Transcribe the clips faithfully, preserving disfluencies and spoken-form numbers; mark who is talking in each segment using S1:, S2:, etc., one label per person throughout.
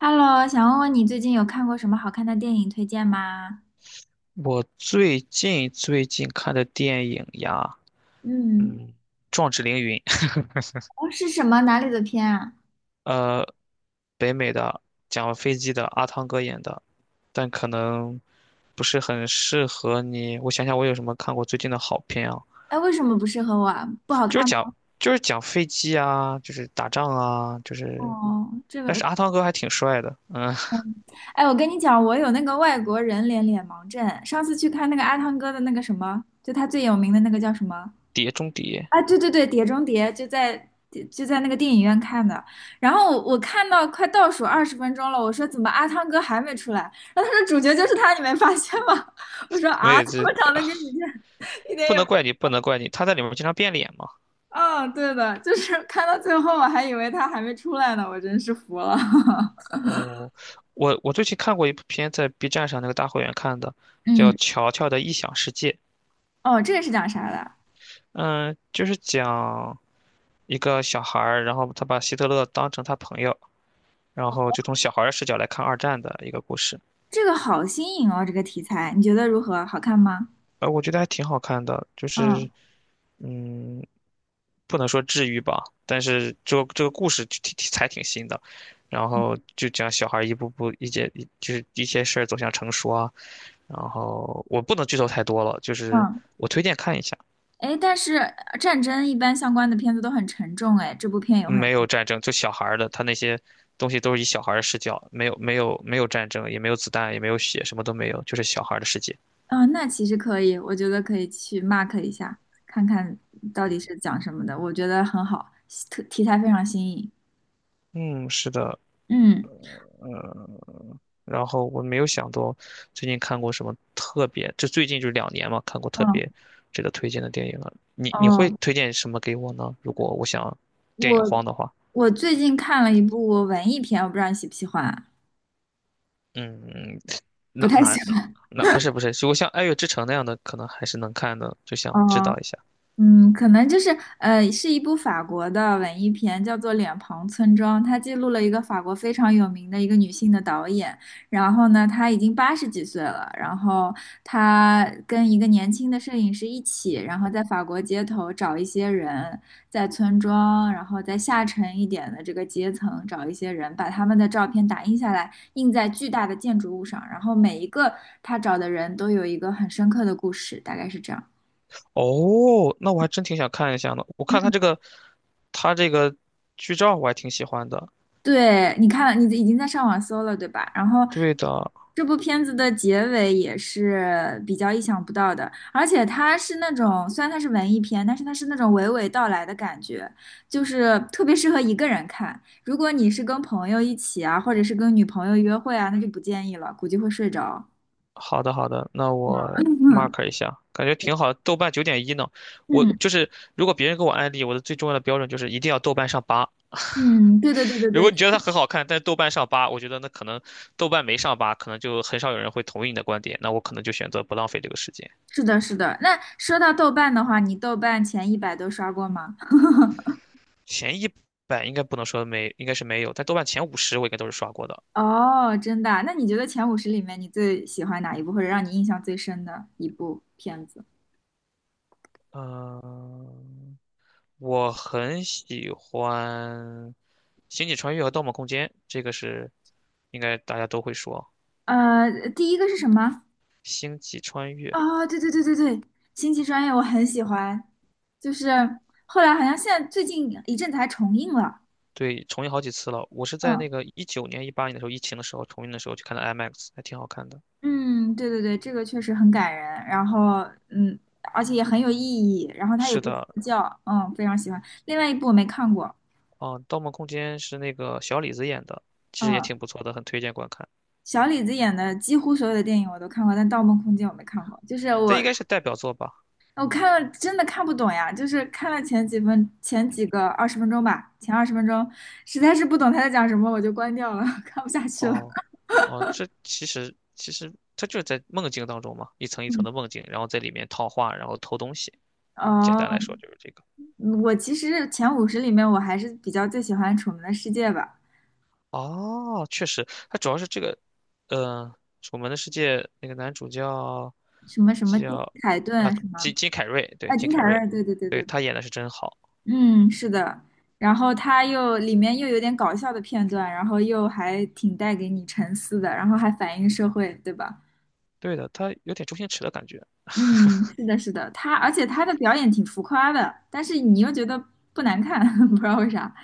S1: Hello，想问问你最近有看过什么好看的电影推荐吗？
S2: 我最近最近看的电影呀，
S1: 嗯，
S2: 嗯，《壮志凌云》，
S1: 哦，是什么？哪里的片啊？
S2: 呃，北美的，讲飞机的，阿汤哥演的，但可能不是很适合你。我想想，我有什么看过最近的好片啊？
S1: 哎，为什么不适合我啊？不好
S2: 就是
S1: 看
S2: 讲
S1: 吗？
S2: 就是讲飞机啊，就是打仗啊，就是，
S1: 哦，这
S2: 但
S1: 个，
S2: 是阿汤哥还挺帅的，嗯。
S1: 哎，我跟你讲，我有那个外国人脸脸盲症。上次去看那个阿汤哥的那个什么，就他最有名的那个叫什么？
S2: 碟中谍。
S1: 啊，对对对，《碟中谍》就在就在那个电影院看的。然后我我看到快倒数二十分钟了，我说怎么阿汤哥还没出来？然后他说主角就是他，你没发现吗？我说
S2: 没
S1: 啊，
S2: 有
S1: 怎
S2: 这
S1: 么长得跟你这 一点
S2: 不
S1: 也不
S2: 能怪你，不能怪你，他在里面经常变脸嘛。
S1: 嗯，对的，就是看到最后，我还以为他还没出来呢，我真是服了。
S2: 哦，我我最近看过一部片，在 B 站上那个大会员看的，叫
S1: 嗯，
S2: 《乔乔的异想世界》。
S1: 哦，这个是讲啥的？
S2: 嗯，就是讲一个小孩儿，然后他把希特勒当成他朋友，然后就从小孩儿的视角来看二战的一个故事。
S1: 这个好新颖哦，这个题材，你觉得如何？好看吗？
S2: 呃，我觉得还挺好看的，就是
S1: 嗯
S2: 嗯，不能说治愈吧，但是这个这个故事就挺挺才挺新的，然后就讲小孩儿一步步一些就是一些事儿走向成熟啊，然后我不能剧透太多了，就是
S1: 嗯，
S2: 我推荐看一下，
S1: 哎，但是呃战争一般相关的片子都很沉重，哎，这部片有很
S2: 没
S1: 沉，
S2: 有战争，就小孩儿的，他那些东西都是以小孩儿的视角，没有没有没有战争，也没有子弹，也没有血，什么都没有，就是小孩儿的世界。
S1: 啊、那其实可以，我觉得可以去 mark 一下，看看到底是讲什么的，我觉得很好，特题材非常新颖。
S2: 嗯，是的。
S1: 嗯，
S2: 然后我没有想到最近看过什么特别，就最近就两年嘛，看过特
S1: 嗯
S2: 别值得推荐的电影了。你你会
S1: 哦，
S2: 推荐什么给我呢？如果我想电影
S1: 我
S2: 荒的话，
S1: 我最近看了一部文艺片，我不知道你喜不喜欢，
S2: 嗯，
S1: 不
S2: 那
S1: 太喜
S2: 那
S1: 欢。
S2: 那不是不是，如果像《爱乐之城》那样的，可能还是能看的，就想知
S1: 哦，
S2: 道一下。
S1: 嗯，可能就是呃，是一部法国的文艺片，叫做《脸庞村庄》，它记录了一个法国非常有名的一个女性的导演。然后呢，她已经八十几岁了，然后她跟一个年轻的摄影师一起，然后在法国街头找一些人，在村庄，然后在下沉一点的这个阶层找一些人，把他们的照片打印下来，印在巨大的建筑物上，然后每一个他找的人都有一个很深刻的故事，大概是这样。
S2: 哦，那我还真挺想看一下呢。我看他
S1: 嗯，
S2: 这个，他这个剧照我还挺喜欢的。
S1: 对，你看了你已经在上网搜了，对吧？然后
S2: 对的，
S1: 这部片子的结尾也是比较意想不到的，而且它是那种，虽然它是文艺片，但是它是那种娓娓道来的感觉，就是特别适合一个人看。如果你是跟朋友一起啊，或者是跟女朋友约会啊，那就不建议了，估计会睡着。
S2: 好的好的，那
S1: 嗯
S2: 我 mark 一下，感觉挺好。豆瓣九点一呢，我
S1: 嗯
S2: 就是如果别人给我安利，我的最重要的标准就是一定要豆瓣上八。
S1: 嗯，对对对对
S2: 如果你
S1: 对，
S2: 觉得它很好看，但是豆瓣上八，我觉得那可能豆瓣没上八，可能就很少有人会同意你的观点。那我可能就选择不浪费这个时间。
S1: 是的，是的。那说到豆瓣的话，你豆瓣前一百都刷过吗？
S2: 前一百应该不能说没，应该是没有，但豆瓣前五十我应该都是刷过的。
S1: 哦，真的啊那你觉得前五十里面你最喜欢哪一部，或者让你印象最深的一部片子？
S2: 嗯、我很喜欢《星际穿越》和《盗梦空间》，这个是应该大家都会说
S1: 呃，第一个是什么？
S2: 《星际穿越》。
S1: 哦，对对对对对，《星际穿越》我很喜欢，就是后来好像现在最近一阵子还重映了。
S2: 对，重映好几次了。我是在那
S1: 嗯
S2: 个一九年、一八年的时候，疫情的时候重映的时候去看的 IMAX，还挺好看的。
S1: 嗯，对对对，这个确实很感人，然后嗯，而且也很有意义，然后它也
S2: 是
S1: 不说
S2: 的，
S1: 教，嗯，非常喜欢。另外一部我没看过，
S2: 啊，《盗梦空间》是那个小李子演的，其实也挺
S1: 嗯。
S2: 不错的，很推荐观看。
S1: 小李子演的几乎所有的电影我都看过，但《盗梦空间》我没看过。就是
S2: 这
S1: 我
S2: 应该是代表作吧？
S1: 我看了真的看不懂呀，就是看了前几分前几个二十分钟吧，前二十分钟实在是不懂他在讲什么，我就关掉了，看不下去了。
S2: 哦，哦，这其实其实它就是在梦境当中嘛，一层一层
S1: 嗯
S2: 的梦境，然后在里面套话，然后偷东西。简单来
S1: 哦，
S2: 说就是这个。
S1: 我其实前五十里面我还是比较最喜欢《楚门的世界》吧，
S2: 哦，确实，它主要是这个，嗯、楚门的世界》那个男主叫
S1: 什么什么金
S2: 叫
S1: 凯
S2: 啊，
S1: 顿什么，
S2: 金金凯瑞，对
S1: 啊，
S2: 金
S1: 金凯
S2: 凯瑞，
S1: 瑞，对对对
S2: 对
S1: 对，
S2: 他演的是真好，
S1: 嗯，是的。然后他又里面又有点搞笑的片段，然后又还挺带给你沉思的，然后还反映社会，对吧？
S2: 对的，他有点周星驰的感觉，
S1: 嗯，是的，是的，他，而且他的表演挺浮夸的，但是你又觉得不难看，不知道为啥。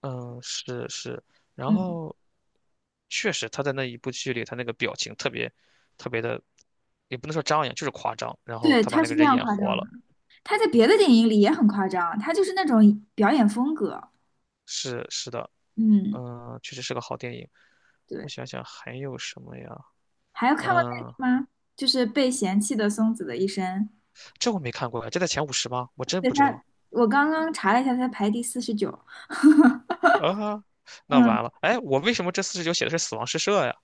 S2: 嗯，是是，然
S1: 嗯，
S2: 后确实他在那一部剧里，他那个表情特别特别的，也不能说张扬，就是夸张，然后
S1: 对，
S2: 他把
S1: 他
S2: 那
S1: 是
S2: 个
S1: 非
S2: 人
S1: 常
S2: 演
S1: 夸
S2: 活
S1: 张的，
S2: 了，
S1: 他在别的电影里也很夸张，他就是那种表演风格。
S2: 是是的，
S1: 嗯，
S2: 嗯，确实是个好电影，我
S1: 对，
S2: 想想还有什么呀，
S1: 还有看过
S2: 嗯。
S1: 那个吗？就是被嫌弃的松子的一生，
S2: 这我没看过呀，这在前五十吗？我真
S1: 对
S2: 不知
S1: 他，
S2: 道
S1: 我刚刚查了一下，他排第四十九。
S2: 啊，那完
S1: 嗯，
S2: 了。哎，我为什么这四十九写的是死亡诗社呀？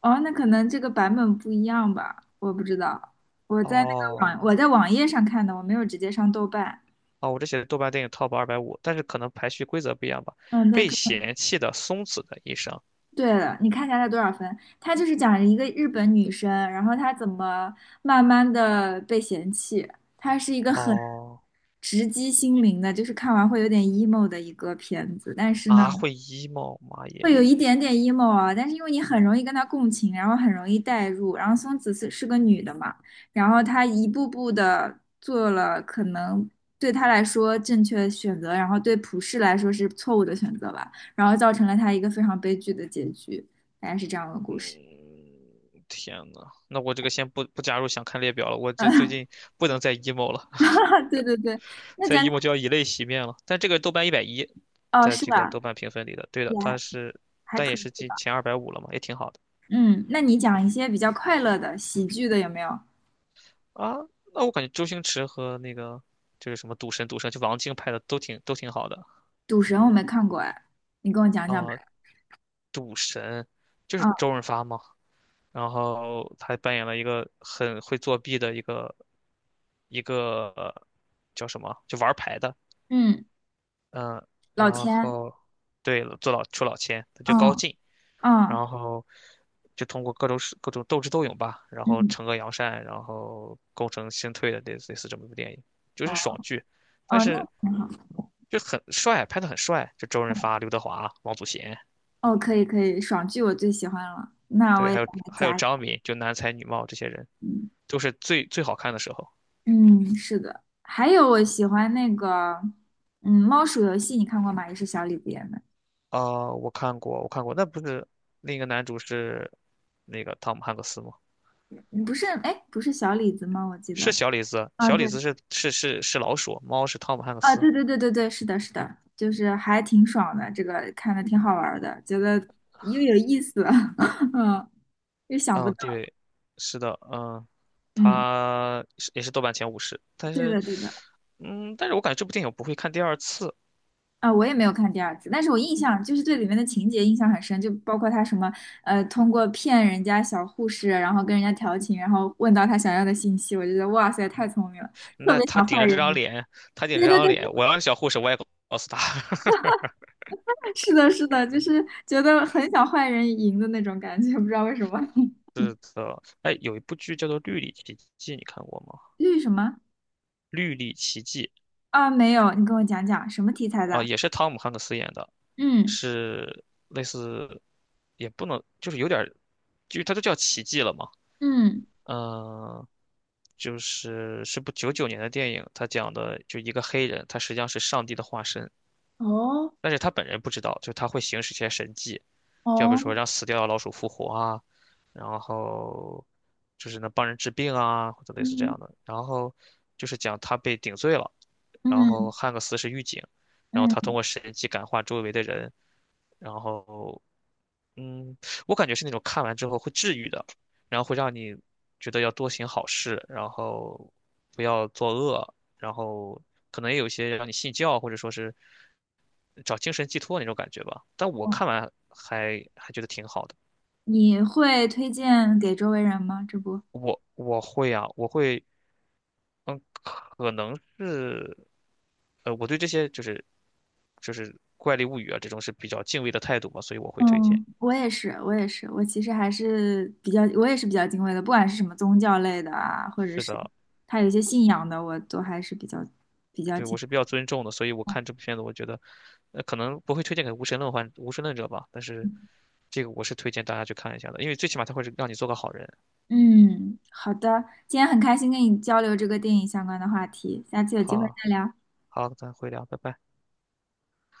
S1: 哦，那可能这个版本不一样吧，我不知道。我在那个
S2: 哦，
S1: 网，我在网页上看的，我没有直接上豆瓣。
S2: 哦，我这写的豆瓣电影 Top 二百五，但是可能排序规则不一样吧。
S1: 嗯，对。
S2: 被嫌弃的松子的一生。
S1: 对了，你看一下他多少分？他就是讲一个日本女生，然后她怎么慢慢的被嫌弃。她是一个很
S2: 哦，
S1: 直击心灵的，就是看完会有点 emo 的一个片子。但是呢，
S2: 啊，会 emo，妈
S1: 会
S2: 耶！
S1: 有一点点 emo 啊，但是因为你很容易跟他共情，然后很容易代入，然后松子是是个女的嘛，然后她一步步的做了可能对她来说正确的选择，然后对普世来说是错误的选择吧，然后造成了她一个非常悲剧的结局，大概是这样的故事。
S2: 嗯，天呐，那我这个先不不加入想看列表了，我这最近不能再 emo 了，
S1: 对对对，那
S2: 再
S1: 讲讲
S2: emo 就要以泪洗面了。但这个豆瓣一百一，
S1: 哦，
S2: 在
S1: 是
S2: 这个
S1: 吧？
S2: 豆瓣评分里的，对
S1: 也
S2: 的，它
S1: 还
S2: 是，
S1: 还
S2: 但也
S1: 可
S2: 是
S1: 以
S2: 进
S1: 吧。
S2: 前二百五了嘛，也挺好的。
S1: 嗯，那你讲一些比较快乐的喜剧的有没有？
S2: 啊，那我感觉周星驰和那个就是什么赌神、赌圣，就王晶拍的都挺都挺好的
S1: 赌神我没看过哎，你跟我讲讲
S2: 啊，
S1: 呗。
S2: 就
S1: 啊，
S2: 是周润发嘛。然后他还扮演了一个很会作弊的一个一个呃叫什么，就玩牌的，
S1: 嗯，
S2: 嗯，
S1: 老
S2: 然
S1: 千。
S2: 后对了，做老出老千，他叫高
S1: 嗯。
S2: 进，
S1: 嗯
S2: 然后就通过各种手各种斗智斗勇吧，然后
S1: 嗯，
S2: 惩恶扬善，然后功成身退的类似类似这么一部电影，就
S1: 哦，
S2: 是爽剧，但
S1: 哦，那
S2: 是
S1: 挺好。
S2: 就很帅，拍的很帅，就周润发、刘德华、王祖贤，
S1: 哦，可以可以，爽剧我最喜欢了，那我
S2: 对，
S1: 也
S2: 还有
S1: 把它
S2: 还有
S1: 加一。
S2: 张敏，就男才女貌这些人
S1: 嗯
S2: 都是最最好看的时候。
S1: 嗯，是的，还有我喜欢那个，嗯，猫鼠游戏你看过吗？也是小李子演的，
S2: 啊、我看过，我看过，那不是另一个男主是那个汤姆汉克斯吗？
S1: 嗯不是，哎，不是小李子吗？我记
S2: 是
S1: 得。
S2: 小李子，
S1: 啊，
S2: 小李
S1: 对，
S2: 子是是是是老鼠，猫是汤姆汉克
S1: 啊，
S2: 斯。
S1: 对对对对对，是的，是的，就是还挺爽的，这个看的挺好玩儿的，觉得又有意思，嗯，又想不
S2: 嗯，
S1: 到，
S2: 对，是的，嗯，
S1: 嗯，
S2: 他是也是豆瓣前五十，但
S1: 对
S2: 是，
S1: 的对的，
S2: 嗯，但是我感觉这部电影我不会看第二次。
S1: 啊，我也没有看第二次，但是我印象就是对里面的情节印象很深，就包括他什么呃，通过骗人家小护士，然后跟人家调情，然后问到他想要的信息，我就觉得哇塞，太聪明了，特
S2: 那
S1: 别
S2: 他
S1: 想
S2: 顶
S1: 坏
S2: 着这
S1: 人
S2: 张
S1: 赢。
S2: 脸，他顶
S1: 对
S2: 着这
S1: 对
S2: 张
S1: 对，
S2: 脸，我要是小护士，我也告诉他。
S1: 是的，是的，就是觉得很想坏人赢的那种感觉，不知道为什么。
S2: 呃，哎，有一部剧叫做《绿里奇迹》，你看过吗？
S1: 绿什么？
S2: 《绿里奇迹》
S1: 啊，没有，你跟我讲讲什么题材
S2: 啊、
S1: 的？
S2: 也是汤姆汉克斯演的，
S1: 嗯
S2: 是类似，也不能，就是有点儿，就是它都叫奇迹了嘛。
S1: 嗯，
S2: 嗯、就是是部九九年的电影，他讲的就一个黑人，他实际上是上帝的化身，
S1: 哦
S2: 但是他本人不知道，就他会行使一些神迹，就比如
S1: 哦，
S2: 说让死掉的老鼠复活啊，然后就是能帮人治病啊，或者类似这
S1: 嗯
S2: 样的。然后就是讲他被顶罪了，然后
S1: 嗯
S2: 汉克斯是狱警，然后他通
S1: 嗯，
S2: 过神迹感化周围的人，然后嗯，我感觉是那种看完之后会治愈的，然后会让你觉得要多行好事，然后不要作恶，然后可能也有一些让你信教或者说是找精神寄托那种感觉吧。但我看完还还觉得挺好的。
S1: 你会推荐给周围人吗？这不。
S2: 我我会啊，我会，嗯，可能是，呃，我对这些就是就是怪力物语啊这种是比较敬畏的态度嘛，所以我会推荐。
S1: 嗯我也是，我也是，我其实还是比较，我也是比较敬畏的，不管是什么宗教类的啊，或者
S2: 是
S1: 是
S2: 的，
S1: 他有一些信仰的，我都还是比较比较
S2: 对，我
S1: 敬
S2: 是
S1: 畏
S2: 比较尊重的，所以我看这部片子，我觉得，呃，可能不会推荐给无神论患无神论者吧，但是这个我是推荐大家去看一下的，因为最起码他会让你做个好人。
S1: 嗯，好的，今天很开心跟你交流这个电影相关的话题，下次有机会
S2: 好，
S1: 再聊。
S2: 好，咱回聊，拜拜。